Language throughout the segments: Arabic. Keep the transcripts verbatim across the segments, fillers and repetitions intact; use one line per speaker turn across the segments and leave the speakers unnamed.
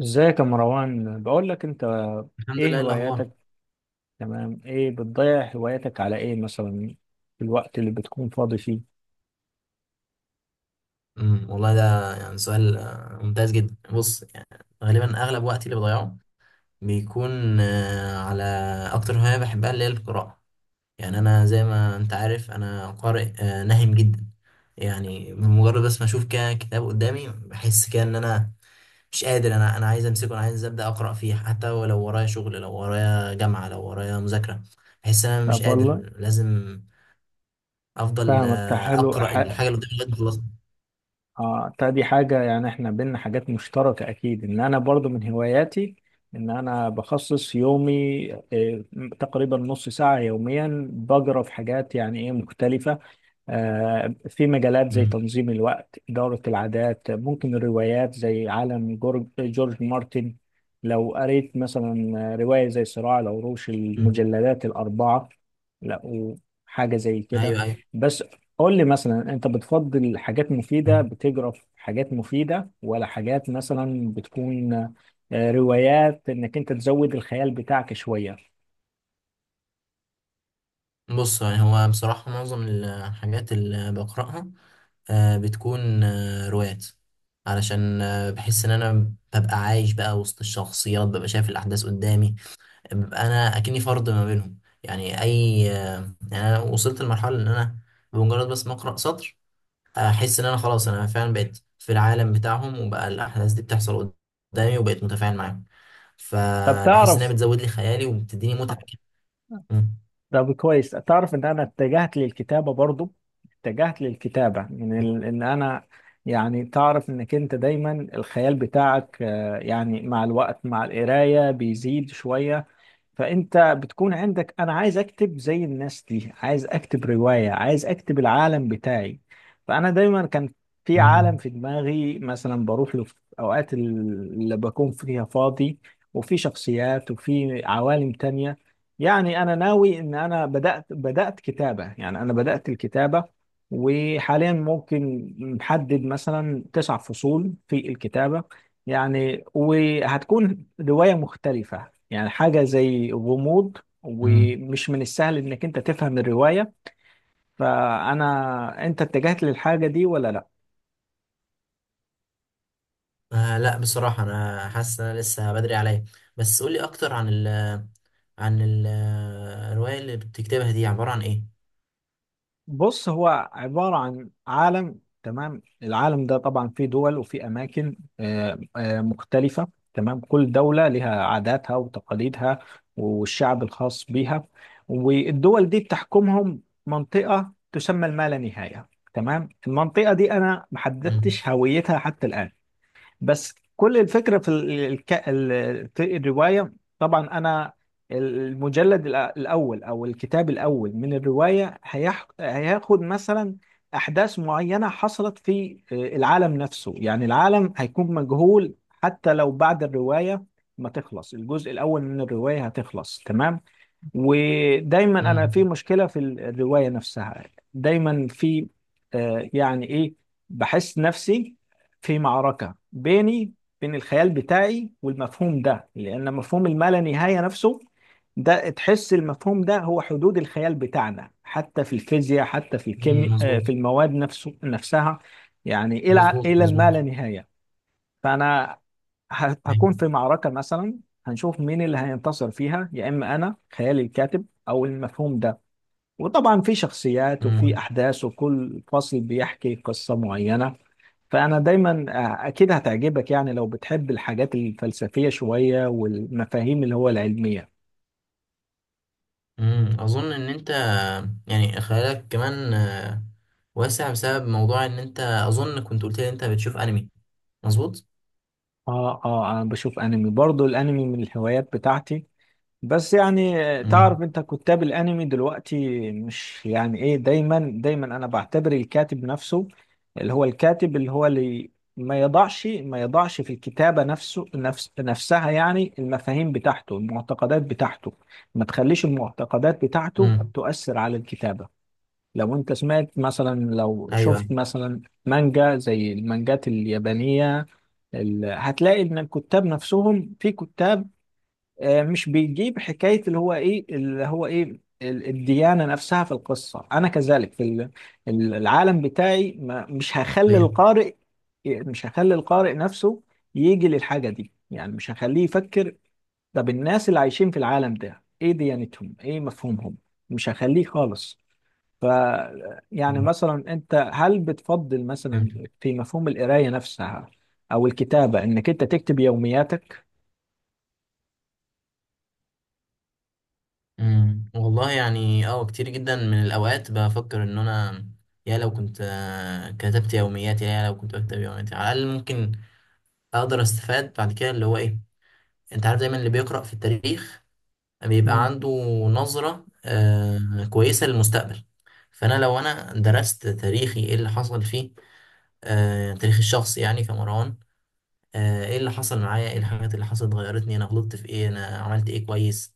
ازيك يا مروان؟ بقول لك انت،
الحمد لله.
ايه
إيه الاخبار؟
هواياتك؟ تمام. ايه بتضيع هواياتك على ايه مثلا، في الوقت اللي بتكون فاضي فيه؟
امم والله ده يعني سؤال آه، ممتاز جدا. بص يعني غالبا اغلب وقتي اللي بضيعه بيكون آه، على اكتر هوايه بحبها اللي هي القراءه. يعني انا زي ما انت عارف انا قارئ آه، نهم جدا. يعني بمجرد بس ما اشوف كده كتاب قدامي بحس كده ان انا مش قادر، انا انا عايز امسكه، انا عايز ابدا اقرا فيه حتى ولو ورايا شغل، لو ورايا جامعه، لو ورايا مذاكره. بحس ان انا مش
طب والله،
قادر، لازم افضل
فاهمك، ده
آه،
حلو.
اقرا
ح-
الحاجه اللي قدامي لغايه ما اخلصها.
اه طيب، دي حاجة يعني احنا بينا حاجات مشتركة اكيد، ان انا برضو من هواياتي ان انا بخصص يومي إيه، تقريبا نص ساعة يوميا بقرا في حاجات يعني ايه مختلفة. آه، في مجالات زي
أمم.
تنظيم الوقت، إدارة العادات، ممكن الروايات زي عالم جورج, جورج مارتن. لو قريت مثلا رواية زي صراع العروش المجلدات الأربعة، لقوا حاجة زي كده.
ايوه ايوه.
بس قول لي مثلا، أنت بتفضل حاجات مفيدة بتجرى في حاجات مفيدة، ولا حاجات مثلا بتكون آه، روايات إنك أنت تزود الخيال بتاعك شوية؟
بص يعني هو بصراحة معظم الحاجات اللي بقرأها آه، بتكون آه، روايات، علشان آه، بحس ان انا ببقى عايش بقى وسط الشخصيات، ببقى شايف الاحداث قدامي، ببقى انا اكني فرد ما بينهم. يعني اي آه، يعني انا وصلت لمرحلة ان انا بمجرد بس ما اقرأ سطر احس ان انا خلاص انا فعلا بقيت في العالم بتاعهم، وبقى الاحداث دي بتحصل قدامي وبقيت متفاعل معاهم.
طب
فبحس انها
تعرف،
بتزود لي خيالي وبتديني متعة كده. مم.
طب كويس، تعرف ان انا اتجهت للكتابه برضو، اتجهت للكتابه من ال... ان انا، يعني تعرف انك انت دايما الخيال بتاعك، آه، يعني مع الوقت مع القرايه بيزيد شويه. فانت بتكون عندك انا عايز اكتب زي الناس دي، عايز اكتب رواية، عايز اكتب العالم بتاعي. فانا دايما كان في عالم
مم.
في دماغي، مثلا بروح له في اوقات اللي بكون فيها فاضي، وفي شخصيات وفي عوالم تانية. يعني انا ناوي ان انا بدأت بدأت كتابة، يعني انا بدأت الكتابة، وحاليا ممكن محدد مثلا تسع فصول في الكتابة. يعني وهتكون رواية مختلفة، يعني حاجة زي غموض،
مم.
ومش من السهل انك انت تفهم الرواية. فانا، انت اتجهت للحاجة دي ولا لا؟
آه لا، بصراحة أنا حاسس إن أنا لسه بدري عليا. بس قولي أكتر عن ال عن ال- الرواية اللي بتكتبها دي عبارة عن إيه؟
بص، هو عبارة عن عالم. تمام، العالم ده طبعا فيه دول وفيه أماكن آه، آه، مختلفة. تمام، كل دولة لها عاداتها وتقاليدها والشعب الخاص بيها، والدول دي بتحكمهم منطقة تسمى الما لا نهاية. تمام، المنطقة دي أنا
مم.
محددتش هويتها حتى الآن. بس كل الفكرة في ال- الك... ال- في الرواية. طبعا أنا المجلد الأ- الأول، أو الكتاب الأول من الرواية هيح... هياخد مثلا أحداث معينة حصلت في آه، العالم نفسه، يعني العالم هيكون مجهول، حتى لو بعد الرواية ما تخلص الجزء الأول من الرواية هتخلص تمام. ودايما انا
مم.
في مشكله في الروايه نفسها، دايما في آه، يعني ايه، بحس نفسي في معركه بيني، بين الخيال بتاعي والمفهوم ده، لان مفهوم الما نهايه نفسه، ده تحس المفهوم ده هو حدود الخيال بتاعنا، حتى في الفيزياء، حتى في
مم.
الكيمياء،
مظبوط
في المواد نفسه نفسها. يعني الى
مظبوط
الى
مظبوط.
الما لا نهايه. فانا ه- هكون في
مم.
معركة مثلا، هنشوف مين اللي هينتصر فيها، يا إما أنا خيالي الكاتب، أو المفهوم ده. وطبعا في شخصيات وفي أحداث، وكل فصل بيحكي قصة معينة. فأنا دايما، آه، أكيد هتعجبك يعني، لو بتحب الحاجات الفلسفية شوية والمفاهيم اللي هو العلمية.
مم. أظن إن أنت يعني خيالك كمان آه، واسع بسبب موضوع إن أنت أظن كنت قلت لي إن أنت بتشوف أنمي، مظبوط؟
آه آه، أنا بشوف أنمي برضو، الأنمي من الهوايات بتاعتي. بس يعني
مم.
تعرف انت كتاب الانمي دلوقتي مش يعني ايه، دايما دايما انا بعتبر الكاتب نفسه، اللي هو الكاتب، اللي هو اللي ما يضعش ما يضعش في الكتابة نفسه نفس نفسها، يعني المفاهيم بتاعته، المعتقدات بتاعته، ما تخليش المعتقدات بتاعته
مم.
تؤثر على الكتابة. لو انت سمعت مثلا، لو
أيوه
شفت مثلا مانجا زي المانجات اليابانية، ال- هتلاقي ان الكتاب نفسهم في كتاب آه، مش بيجيب حكاية اللي هو إيه، اللي هو إيه ال- الديانة نفسها في القصة. أنا كذلك في ال- ال- العالم بتاعي، ما مش هخلي
أيوه.
القارئ، مش هخلي القارئ نفسه يجي للحاجة دي، يعني مش هخليه يفكر، طب الناس اللي عايشين في العالم ده إيه ديانتهم، إيه مفهومهم. مش هخليه خالص. ف يعني مثلا، أنت هل بتفضل
أيوه.
مثلا في مفهوم القراية نفسها، أو الكتابة إنك أنت تكتب يومياتك؟
امم والله يعني اه كتير جدا من الاوقات بفكر ان انا يا لو كنت آه، كتبت يومياتي، يا لو كنت بكتب يومياتي على الاقل ممكن اقدر استفاد بعد كده. اللي هو ايه، انت عارف دايما اللي بيقرأ في التاريخ بيبقى عنده نظرة آه كويسة للمستقبل. فانا لو انا درست تاريخي ايه اللي حصل فيه، آه تاريخ الشخص يعني كمروان، آه، ايه اللي حصل معايا، ايه الحاجات اللي حصلت غيرتني، انا غلطت في ايه، انا عملت ايه كويس،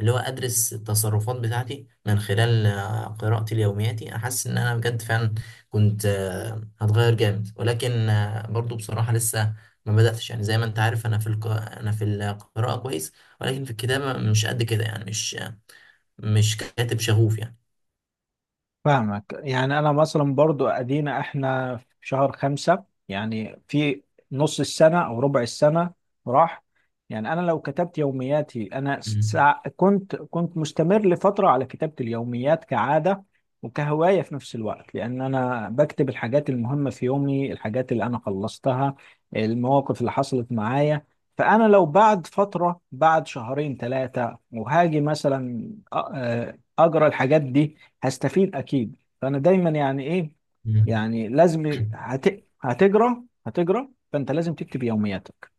اللي هو ادرس التصرفات بتاعتي من خلال آه، قراءتي ليومياتي. احس ان انا بجد فعلا كنت آه، هتغير جامد، ولكن آه، برضو بصراحة لسه ما بدأتش. يعني زي ما انت عارف انا في الق... انا في القراءة كويس، ولكن في الكتابة مش قد كده، يعني مش مش كاتب شغوف يعني.
فاهمك، يعني انا مثلا برضو ادينا احنا في شهر خمسة، يعني في نص السنة او ربع السنة راح. يعني انا لو كتبت يومياتي انا
مم.
سع... كنت كنت مستمر لفترة على كتابة اليوميات كعادة، وكهواية في نفس الوقت، لان انا بكتب الحاجات المهمة في يومي، الحاجات اللي انا خلصتها، المواقف اللي حصلت معايا. فانا لو بعد فترة، بعد شهرين ثلاثة، وهاجي مثلا أ- أ- اجرى الحاجات دي، هستفيد اكيد. فانا دايما يعني ايه،
مم.
يعني لازم هت... هتجرى هتجرى. فانت لازم تكتب يومياتك،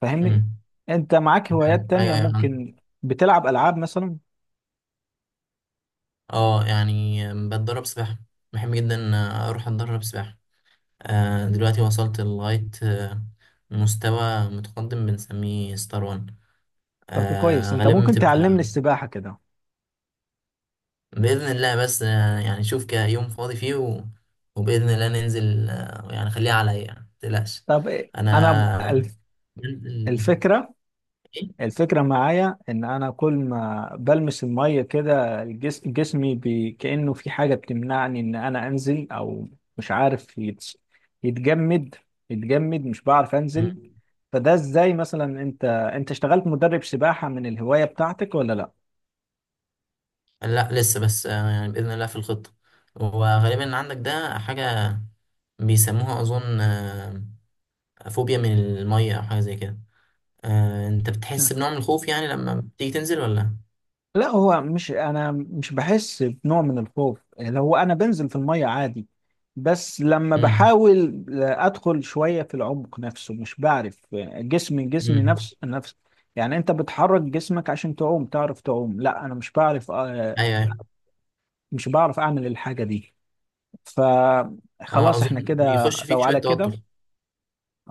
فاهمني؟
مم.
انت معاك هوايات تانية،
ايوه ايوه.
ممكن بتلعب العاب مثلا؟
اه يعني بتدرب سباحة، بحب جدا اروح اتدرب سباحة. آه، دلوقتي وصلت لغاية آه، مستوى متقدم بنسميه ستار وان.
طب كويس،
آه،
انت
غالبا
ممكن تعلمني
بتبقى
السباحة كده؟
بإذن الله. بس آه، يعني شوف كده يوم فاضي فيه و... وبإذن الله ننزل. آه، يعني خليها عليا، يعني متقلقش.
طب إيه؟
طب
انا ب-
أنا
الف...
بنزل.
الفكرة
إيه؟
الفكرة معايا، إن أنا كل ما بلمس المية كده، الجس- جسمي بي، كأنه في حاجة بتمنعني إن أنا أنزل، أو مش عارف يتس- يتجمد يتجمد، مش بعرف أنزل.
مم.
فده إزاي مثلا، أنت أنت اشتغلت مدرب سباحة من الهواية بتاعتك ولا لأ؟
لا لسه. بس آه، يعني بإذن الله في الخطة. وغالبا عندك ده حاجة بيسموها أظن آه، فوبيا من المية أو حاجة زي كده. آه، أنت بتحس بنوع من الخوف يعني لما بتيجي تنزل ولا؟
لا، هو مش، انا مش بحس بنوع من الخوف، لو انا بنزل في المية عادي. بس لما
امم
بحاول ادخل شوية في العمق نفسه مش بعرف، جسمي جسمي
امم
نفس نفس يعني، انت بتحرك جسمك عشان تعوم، تعرف تعوم؟ لا انا مش بعرف، آه،
أيوه أيوه.
مش بعرف اعمل الحاجة دي.
أه
فخلاص احنا
أظن
كده،
بيخش فيك
لو
شوية
على كده.
توتر.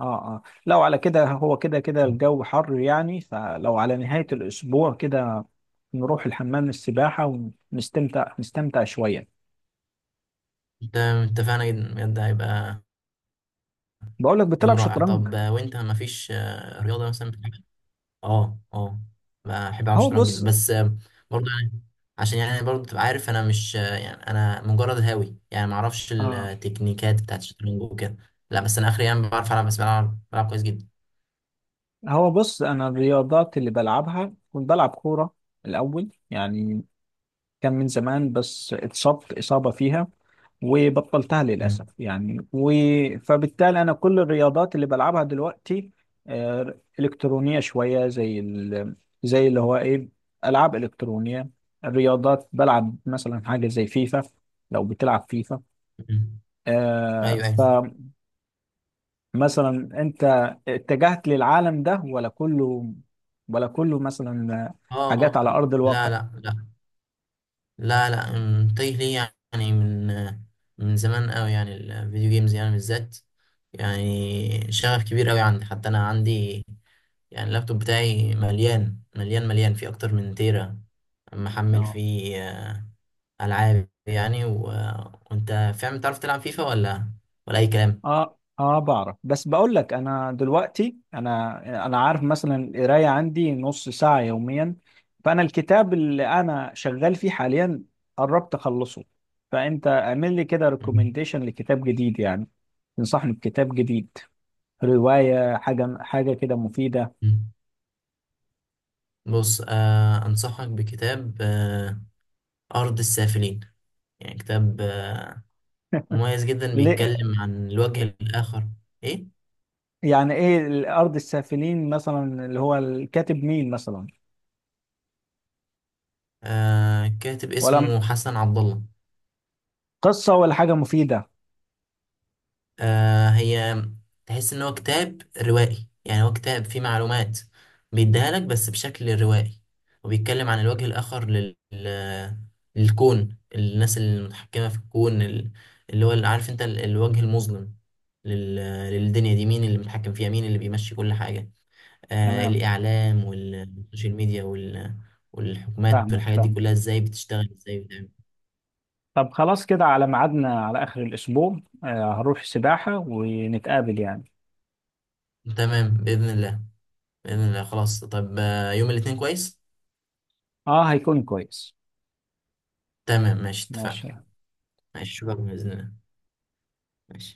اه اه، لو على كده، هو كده كده الجو حر يعني، فلو على نهاية الأسبوع كده نروح الحمام السباحة، ونستمتع نستمتع شوية.
أنت اتفقنا جدا بجد، هيبقى
بقول لك،
يوم
بتلعب
رائع.
شطرنج؟
طب آه، وأنت مفيش آه، رياضة مثلا بتحبها؟ أه أه، بحب ألعب
هو
شطرنج جدا.
بص
بس آه، برضه يعني عشان يعني برضه تبقى عارف أنا مش آه، يعني أنا مجرد هاوي يعني، معرفش
اه
التكنيكات بتاعت الشطرنج وكده. لا بس أنا آخري يعني بعرف ألعب، بس بلعب بلعب كويس جدا.
هو بص، أنا الرياضات اللي بلعبها كنت بلعب كورة الأول يعني، كان من زمان بس اتصبت إصابة فيها، وبطلتها
امم
للأسف يعني و... فبالتالي أنا كل الرياضات اللي بلعبها دلوقتي آه، إلكترونية شوية، زي ال... زي اللي هو إيه، ألعاب إلكترونية. الرياضات بلعب مثلا حاجة زي فيفا. لو بتلعب فيفا،
امم
آه،
أيوه أيوه.
فمثلا، أنت اتجهت للعالم ده ولا كله، ولا كله مثلا
اه
حاجات
اه،
على أرض
لا
الواقع؟
لا لا لا لا، أم، متجه ليه يعني، من من زمان قوي يعني الفيديو جيمز يعني بالذات. يعني شغف كبير قوي عندي، حتى انا عندي يعني اللابتوب بتاعي مليان مليان مليان، فيه اكتر من تيرا محمل فيه آه، العاب يعني و... وانت فاهم، تعرف تلعب فيفا ولا ولا اي كلام؟
اه اه، بعرف. بس بقول لك انا دلوقتي، انا انا عارف مثلا، القرايه عندي نص ساعه يوميا. فانا الكتاب اللي انا شغال فيه حاليا قربت اخلصه. فانت اعمل لي كده
مم.
ريكومنديشن لكتاب جديد يعني، تنصحني بكتاب جديد، روايه، حاجه حاجه كده مفيده.
مم. بص آه انصحك بكتاب آه ارض السافلين. يعني كتاب آه، مميز جدا،
ليه؟
بيتكلم عن الوجه الآخر. إيه؟
يعني ايه الارض السافلين مثلا، اللي هو الكاتب مين مثلا،
آه، كاتب
ولا
اسمه حسن عبد الله.
قصه، ولا حاجه مفيده؟
آه، هي تحس إن هو كتاب روائي، يعني هو كتاب فيه معلومات بيديها لك بس بشكل روائي، وبيتكلم عن الوجه الآخر لل... لل- للكون، الناس المتحكمة في الكون، ال- اللي هو اللي عارف أنت ال- الوجه المظلم لل... للدنيا دي. مين اللي متحكم فيها، مين اللي بيمشي كل حاجة، آه،
تمام،
الإعلام والسوشيال ميديا وال- والحكومات
فاهمك
والحاجات دي
فاهمك.
كلها، ازاي بتشتغل ازاي بتعمل.
طب خلاص كده، على ميعادنا على آخر الأسبوع، آه هروح سباحة ونتقابل يعني.
تمام بإذن الله. بإذن الله خلاص. طب آه، يوم الاثنين كويس.
اه هيكون كويس.
تمام ماشي
ماشي.
اتفقنا. ماشي شكرا بإذن الله. ماشي.